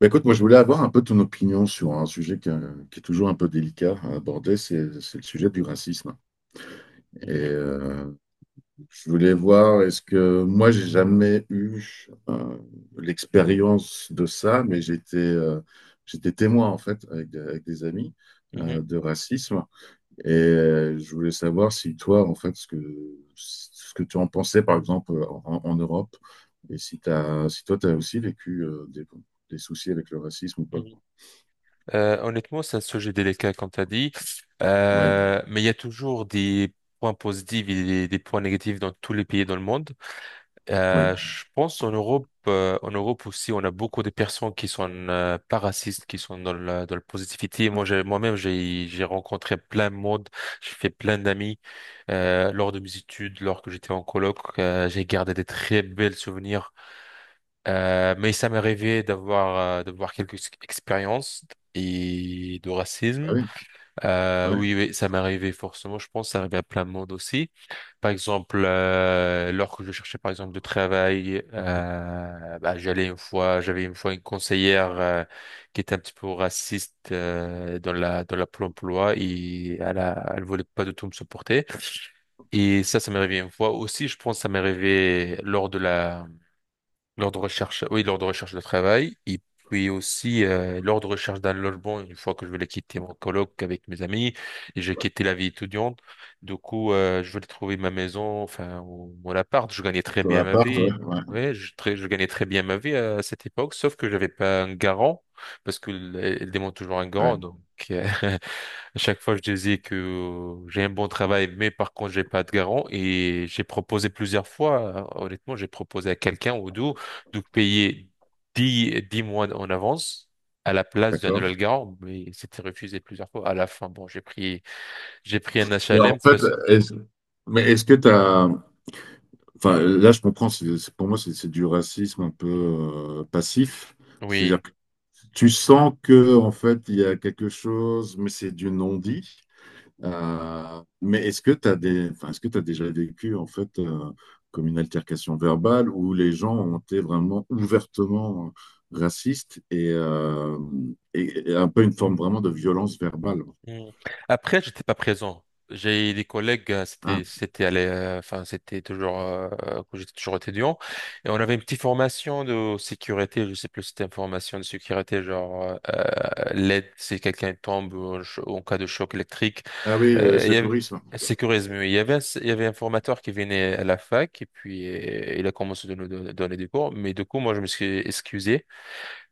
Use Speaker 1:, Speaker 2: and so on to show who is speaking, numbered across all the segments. Speaker 1: Bah, écoute, moi je voulais avoir un peu ton opinion sur un sujet qui est toujours un peu délicat à aborder, c'est le sujet du racisme. Et
Speaker 2: Mhm,
Speaker 1: je voulais voir, est-ce que moi j'ai jamais eu euh, l'expérience de ça, mais j'étais témoin en fait avec des amis
Speaker 2: mhm,
Speaker 1: de racisme. Et je voulais savoir si toi en fait ce que tu en pensais par exemple en Europe et si toi tu as aussi vécu des soucis avec le racisme ou pas.
Speaker 2: mhm. Honnêtement, c'est un sujet délicat, comme tu as dit. Mais il y a toujours des points positifs et des points négatifs dans tous les pays dans le monde.
Speaker 1: Oui.
Speaker 2: Je pense en Europe aussi, on a beaucoup de personnes qui sont pas racistes, qui sont dans la positivité. Moi, moi-même, j'ai rencontré plein de monde, j'ai fait plein d'amis lors de mes études, lors que j'étais en coloc. J'ai gardé des très belles souvenirs. Mais ça m'est arrivé d'avoir d'avoir quelques expériences et de
Speaker 1: Ah
Speaker 2: racisme.
Speaker 1: oui,
Speaker 2: Euh,
Speaker 1: ouais.
Speaker 2: oui, oui, ça m'est arrivé forcément. Je pense que ça arrive à plein de monde aussi. Par exemple, lorsque je cherchais par exemple de travail, bah, j'allais une fois, j'avais une fois une conseillère qui était un petit peu raciste dans la Pôle emploi et elle voulait pas du tout me supporter. Et ça m'est arrivé une fois aussi. Je pense que ça m'est arrivé lors de la l'ordre de recherche, oui, l'ordre de recherche de travail, et puis aussi l'ordre de recherche d'un logement une fois que je voulais quitter mon coloc avec mes amis, et j'ai quitté la vie étudiante. Du coup, je voulais trouver ma maison, enfin, ou mon appart. Je gagnais très
Speaker 1: Ton
Speaker 2: bien ma
Speaker 1: appart, ouais,
Speaker 2: vie.
Speaker 1: ouais,
Speaker 2: Ouais, je gagnais très bien ma vie à cette époque, sauf que j'avais pas un garant, parce qu'elle demande toujours un
Speaker 1: ouais,
Speaker 2: garant, donc euh, À chaque fois, je disais que j'ai un bon travail, mais par contre, j'ai pas de garant. Et j'ai proposé plusieurs fois, honnêtement, j'ai proposé à quelqu'un ou deux de payer dix mois en avance à la place d'un nouvel
Speaker 1: d'accord.
Speaker 2: garant, mais c'était refusé plusieurs fois. À la fin, bon, j'ai pris un
Speaker 1: Mais en
Speaker 2: HLM
Speaker 1: fait,
Speaker 2: parce que,
Speaker 1: est-ce, mais est-ce que t'as, enfin, là, je comprends, pour moi, c'est du racisme un peu passif. C'est-à-dire
Speaker 2: oui.
Speaker 1: que tu sens que, en fait, il y a quelque chose, mais c'est du non-dit. Mais est-ce que enfin, est-ce que tu déjà vécu en fait comme une altercation verbale où les gens ont été vraiment ouvertement racistes et un peu une forme vraiment de violence verbale?
Speaker 2: Mm. Après, j'étais pas présent. J'ai des collègues,
Speaker 1: Ah,
Speaker 2: c'était à enfin c'était toujours quand j'étais toujours étudiant et on avait une petite formation de sécurité, je sais plus si c'était une formation de sécurité genre l'aide si quelqu'un tombe ou en cas de choc électrique,
Speaker 1: ah oui, le
Speaker 2: il y avait,
Speaker 1: secourisme.
Speaker 2: sécurise mieux. Il y avait un formateur qui venait à la fac et puis il a commencé de nous donner des cours, mais du coup moi je me suis excusé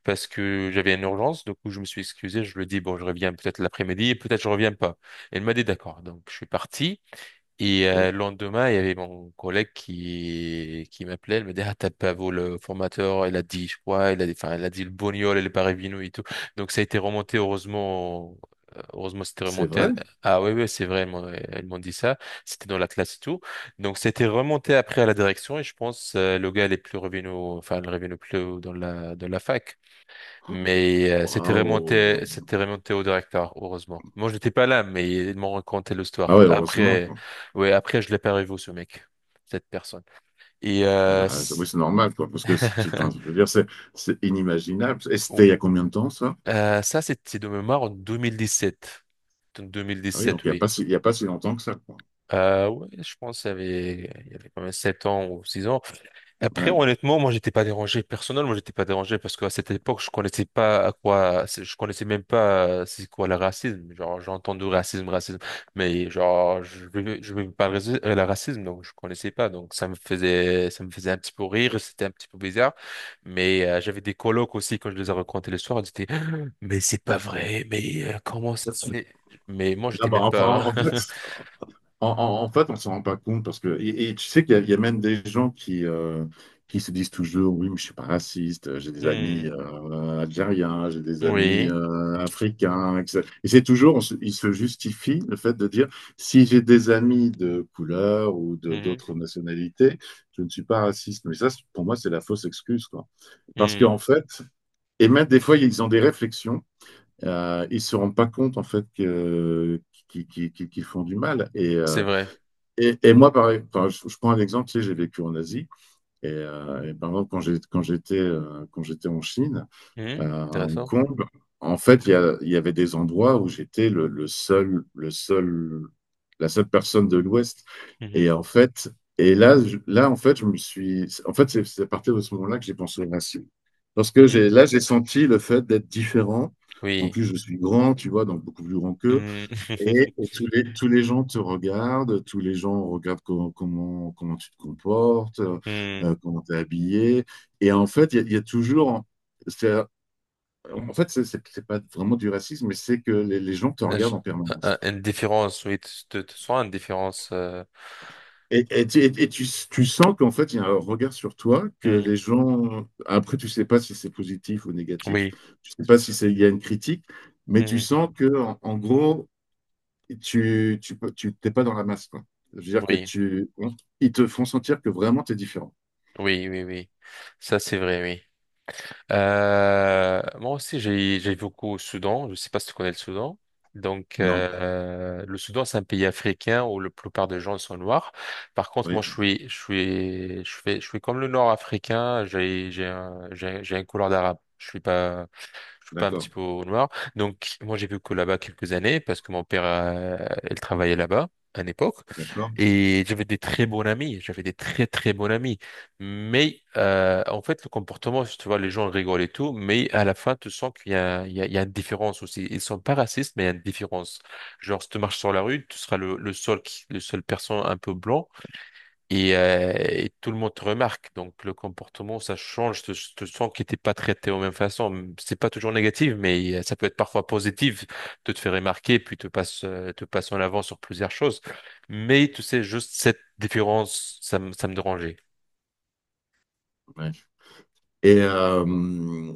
Speaker 2: parce que j'avais une urgence. Du coup, je me suis excusé. Je lui ai dit, bon, je reviens peut-être l'après-midi et peut-être je reviens pas. Elle m'a dit d'accord. Donc, je suis parti. Et
Speaker 1: Oui.
Speaker 2: euh, le lendemain, il y avait mon collègue qui m'appelait. Elle me dit, ah, t'as pas vu le formateur. Elle a dit, je crois, elle a dit, enfin, elle a dit le Bognol et le Parevino et tout. Donc, ça a été remonté, heureusement. Heureusement, c'était
Speaker 1: C'est
Speaker 2: remonté à...
Speaker 1: vrai?
Speaker 2: Ah oui, oui, c'est vrai, elles m'ont dit ça. C'était dans la classe et tout. Donc, c'était remonté après à la direction et je pense le gars, il est plus revenu, enfin, il est revenu plus haut dans la fac. Mais c'était
Speaker 1: Waouh!
Speaker 2: remonté, c'était remonté au directeur, heureusement. Moi, j'étais pas là, mais ils m'ont raconté
Speaker 1: Ah
Speaker 2: l'histoire.
Speaker 1: ouais, heureusement,
Speaker 2: Après,
Speaker 1: quoi.
Speaker 2: ouais, après, je l'ai pas revu ce mec, cette personne. Et
Speaker 1: Ah
Speaker 2: euh,
Speaker 1: bah,
Speaker 2: c-
Speaker 1: oui, c'est normal, quoi, parce que si tu, enfin, je veux dire, c'est inimaginable. Et
Speaker 2: oh,
Speaker 1: c'était il y a combien de temps, ça?
Speaker 2: ça, c'était de mémoire en 2017. En
Speaker 1: Ah oui, donc
Speaker 2: 2017, oui.
Speaker 1: il y a pas si longtemps que ça, quoi.
Speaker 2: Ouais, je pense qu'il y avait, il y avait quand même 7 ans ou 6 ans. Après,
Speaker 1: Ouais.
Speaker 2: honnêtement, moi, j'étais pas dérangé. Personnellement, j'étais pas dérangé parce qu'à cette époque, je connaissais même pas c'est quoi le racisme. Genre, j'ai entendu racisme, racisme, mais genre, je vivais pas le racisme, donc je connaissais pas. Donc, ça me faisait un petit peu rire, c'était un petit peu bizarre. Mais j'avais des colocs aussi quand je les ai racontés le soir, ils étaient, mais c'est pas vrai, mais comment ça se fait? Mais moi,
Speaker 1: Ah
Speaker 2: j'étais
Speaker 1: bah,
Speaker 2: même
Speaker 1: enfin, en
Speaker 2: pas.
Speaker 1: fait, en fait, on s'en rend pas compte parce que et tu sais qu'il y a même des gens qui se disent toujours oui, mais je suis pas raciste, j'ai des
Speaker 2: Hmm.
Speaker 1: amis algériens, j'ai des amis
Speaker 2: Oui.
Speaker 1: africains, etc. Et c'est toujours ils se justifient le fait de dire si j'ai des amis de couleur ou de
Speaker 2: Hmm,
Speaker 1: d'autres nationalités, je ne suis pas raciste, mais pour moi c'est la fausse excuse, quoi, parce
Speaker 2: hmm,
Speaker 1: qu'en fait, et même des fois ils ont des réflexions, ils se rendent pas compte en fait que qu'ils font du mal, et
Speaker 2: c'est
Speaker 1: euh,
Speaker 2: vrai.
Speaker 1: et, et moi, je prends un exemple, tu sais, j'ai vécu en Asie. Et par exemple, quand j'étais en Chine,
Speaker 2: Hmm,
Speaker 1: à Hong
Speaker 2: intéressant.
Speaker 1: Kong, en fait, il y avait des endroits où j'étais la seule personne de l'Ouest. Et
Speaker 2: Mmh.
Speaker 1: en fait, et là, là, en fait, c'est à partir de ce moment-là que j'ai pensé au racisme. Parce que
Speaker 2: Hmm.
Speaker 1: j'ai senti le fait d'être différent. En
Speaker 2: Oui.
Speaker 1: plus, je suis grand, tu vois, donc beaucoup plus grand qu'eux.
Speaker 2: Hmm.
Speaker 1: Et tous les gens te regardent, tous les gens regardent comment tu te comportes,
Speaker 2: Hmm.
Speaker 1: comment tu es habillé. Et en fait, il y a toujours. c'est- En fait, c'est pas vraiment du racisme, mais c'est que les gens te
Speaker 2: Euh, je-
Speaker 1: regardent en
Speaker 2: euh,
Speaker 1: permanence.
Speaker 2: euh, Une différence, oui, tu une différence.
Speaker 1: Et tu sens qu'en fait, il y a un regard sur toi, que
Speaker 2: Mhm.
Speaker 1: les gens. Après, tu sais pas si c'est positif ou négatif,
Speaker 2: Oui,
Speaker 1: tu sais pas si il y a une critique, mais tu
Speaker 2: mhm.
Speaker 1: sens que, en gros, et tu t'es pas dans la masse, quoi. Je veux dire que
Speaker 2: oui,
Speaker 1: ils te font sentir que vraiment tu es différent.
Speaker 2: oui, Ça, c'est vrai, oui. Moi aussi, j'ai beaucoup au Soudan. Je sais pas si tu connais le Soudan. Donc,
Speaker 1: Non,
Speaker 2: le Soudan, c'est un pays africain où la plupart des gens sont noirs. Par contre,
Speaker 1: oui,
Speaker 2: moi, je suis comme le Nord africain. J'ai une couleur d'arabe. Je suis pas. Je suis pas un petit
Speaker 1: d'accord,
Speaker 2: peu au noir. Donc, moi, j'ai vécu là-bas quelques années parce que mon père, il travaillait là-bas à une époque.
Speaker 1: d'accord.
Speaker 2: Et j'avais des très bons amis. J'avais des très bons amis. Mais, en fait, le comportement, tu vois, les gens rigolent et tout, mais à la fin, tu sens qu'il y a, il y a une différence aussi. Ils sont pas racistes, mais il y a une différence. Genre, si tu marches sur la rue, tu seras le seul qui, le seul personne un peu blanc. Et tout le monde te remarque. Donc le comportement, ça change. Je te sens que t'es pas traité de la même façon. C'est pas toujours négatif, mais ça peut être parfois positif de te faire remarquer, puis te passe en avant sur plusieurs choses. Mais tu sais, juste cette différence, ça me dérangeait.
Speaker 1: Ouais. Et, euh,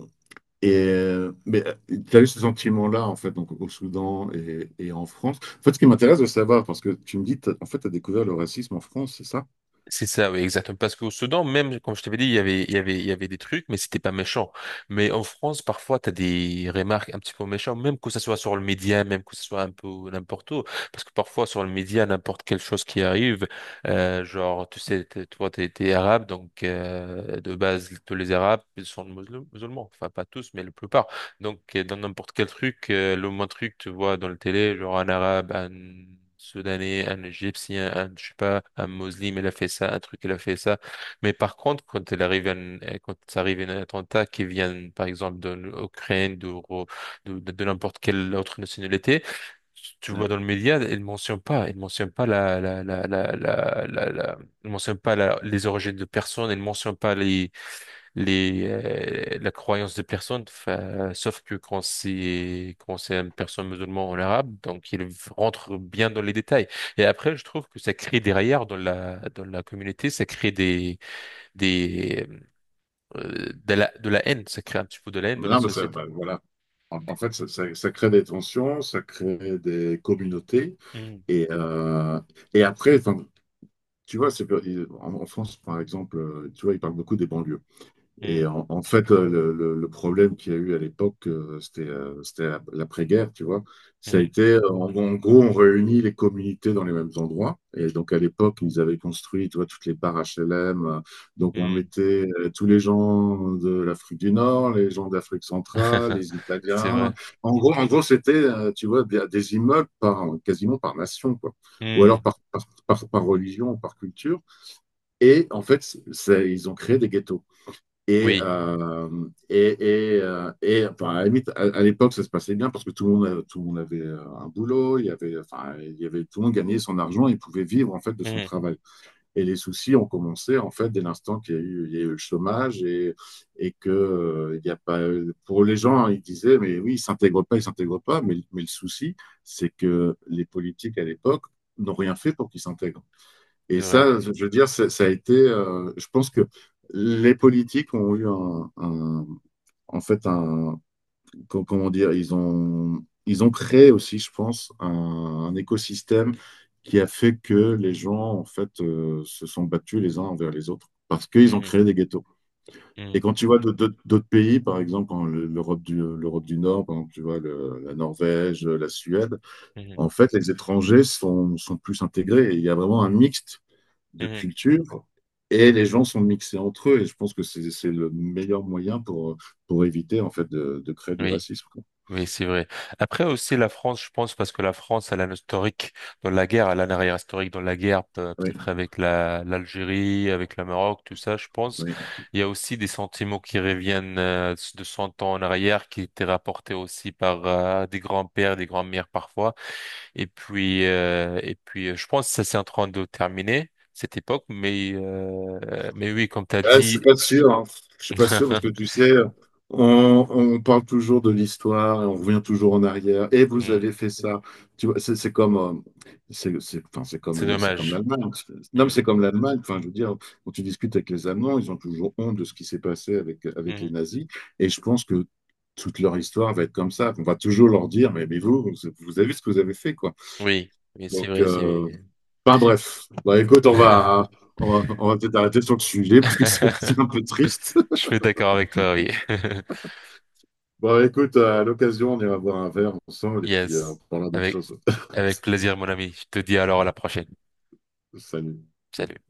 Speaker 1: mais tu as eu ce sentiment-là, en fait, donc au Soudan et en France. En fait, ce qui m'intéresse de savoir, parce que tu me dis, en fait, tu as découvert le racisme en France, c'est ça?
Speaker 2: C'est ça, oui, exactement. Parce qu'au Soudan, même, comme je t'avais dit, il y avait des trucs, mais c'était pas méchant. Mais en France, parfois, t'as des remarques un petit peu méchantes, même que ça soit sur le média, même que ce soit un peu n'importe où. Parce que parfois, sur le média, n'importe quelle chose qui arrive, genre, tu sais, t'es arabe, donc, de base, tous les arabes ils sont musulmans. Enfin, pas tous, mais la plupart. Donc, dans n'importe quel truc, le moins truc, tu vois, dans le télé, genre un arabe, un soudanais, un égyptien, un, je sais pas, un musulman, il a fait ça, un truc, il a fait ça. Mais par contre, quand ça arrive un attentat qui vient, par exemple, de l'Ukraine, de n'importe quelle autre nationalité, tu
Speaker 1: Ouais.
Speaker 2: vois dans le média, ils mentionnent pas ils mentionnent pas les origines de personnes, ils mentionnent pas les, les la croyance des personnes sauf que quand c'est une personne musulmane en arabe donc il rentre bien dans les détails et après je trouve que ça crée derrière dans la communauté ça crée des des de la haine, ça crée un petit peu de la haine dans la
Speaker 1: Non, mais ça,
Speaker 2: société.
Speaker 1: ben, voilà. En fait, ça, crée des tensions, ça crée des communautés.
Speaker 2: Hmm,
Speaker 1: Et, euh, et après, enfin, tu vois, en France, par exemple, tu vois, ils parlent beaucoup des banlieues.
Speaker 2: hmm,
Speaker 1: Et en fait, le problème qu'il y a eu à l'époque, c'était l'après-guerre, tu vois. Ça a
Speaker 2: hmm,
Speaker 1: été, en gros, on réunit les communautés dans les mêmes endroits. Et donc, à l'époque, ils avaient construit, tu vois, toutes les barres HLM. Donc, on
Speaker 2: hmm.
Speaker 1: mettait tous les gens de l'Afrique du Nord, les gens d'Afrique centrale, les
Speaker 2: C'est vrai.
Speaker 1: Italiens. En gros, c'était, tu vois, des immeubles quasiment par nation, quoi. Ou alors
Speaker 2: Hmm,
Speaker 1: par religion, par culture. Et en fait, ils ont créé des ghettos. Et,
Speaker 2: oui.
Speaker 1: euh, et, et, enfin, à la limite, à l'époque, ça se passait bien parce que tout le monde avait un boulot, enfin, tout le monde gagnait son argent, il pouvait vivre en fait de son
Speaker 2: Hmm,
Speaker 1: travail. Et les soucis ont commencé en fait dès l'instant qu'il y a eu le chômage et que il y a pas, Pour les gens, hein, ils disaient, mais oui, ils s'intègrent pas, mais le souci, c'est que les politiques à l'époque n'ont rien fait pour qu'ils s'intègrent. Et
Speaker 2: c'est vrai.
Speaker 1: ça, je veux dire, je pense que les politiques ont eu en fait, comment dire, ils ont créé aussi, je pense, un écosystème qui a fait que les gens, en fait, se sont battus les uns envers les autres parce qu'ils ont
Speaker 2: Hmm,
Speaker 1: créé des ghettos. Et
Speaker 2: hmm,
Speaker 1: quand tu vois d'autres pays, par exemple, en le- l'Europe du Nord, par exemple, tu vois la Norvège, la Suède,
Speaker 2: hmm,
Speaker 1: en fait, les étrangers sont plus intégrés. Et il y a vraiment un mixte de
Speaker 2: hmm.
Speaker 1: culture et les gens sont mixés entre eux. Et je pense que c'est le meilleur moyen pour, éviter en fait de créer du
Speaker 2: Oui.
Speaker 1: racisme, quoi.
Speaker 2: Oui, c'est vrai. Après aussi la France, je pense, parce que la France, elle a un historique dans la guerre, elle a un arrière historique dans la guerre, peut-être
Speaker 1: Oui,
Speaker 2: avec la l'Algérie, avec le Maroc, tout ça, je pense.
Speaker 1: oui.
Speaker 2: Il y a aussi des sentiments qui reviennent de 100 ans en arrière, qui étaient rapportés aussi par des grands-pères, des grands-mères parfois. Et puis, je pense que ça c'est en train de terminer cette époque, mais oui, comme t'as
Speaker 1: Ouais, je suis
Speaker 2: dit,
Speaker 1: pas sûr, hein. Je suis pas sûr parce que tu sais, on parle toujours de l'histoire et on revient toujours en arrière. Et vous
Speaker 2: hmm,
Speaker 1: avez fait ça. Tu vois, c'est comme, enfin,
Speaker 2: c'est
Speaker 1: c'est comme
Speaker 2: dommage.
Speaker 1: l'Allemagne. Non, mais
Speaker 2: Hmm,
Speaker 1: c'est comme l'Allemagne. Enfin, je veux dire, quand tu discutes avec les Allemands, ils ont toujours honte de ce qui s'est passé avec les
Speaker 2: hmm.
Speaker 1: nazis. Et je pense que toute leur histoire va être comme ça. On va toujours leur dire, mais vous, vous avez vu ce que vous avez fait, quoi.
Speaker 2: Oui, oui, c'est
Speaker 1: Donc,
Speaker 2: vrai, c'est
Speaker 1: euh,
Speaker 2: vrai.
Speaker 1: Enfin bref, bah écoute, on va, on va, on va peut-être arrêter sur le sujet parce que c'est
Speaker 2: Je
Speaker 1: c'est un peu triste.
Speaker 2: suis d'accord avec toi, oui.
Speaker 1: Bon, écoute, à l'occasion, on ira boire un verre ensemble et puis on
Speaker 2: Yes.
Speaker 1: parlera d'autres
Speaker 2: Avec,
Speaker 1: choses.
Speaker 2: avec plaisir, mon ami. Je te dis alors à la prochaine.
Speaker 1: Salut.
Speaker 2: Salut.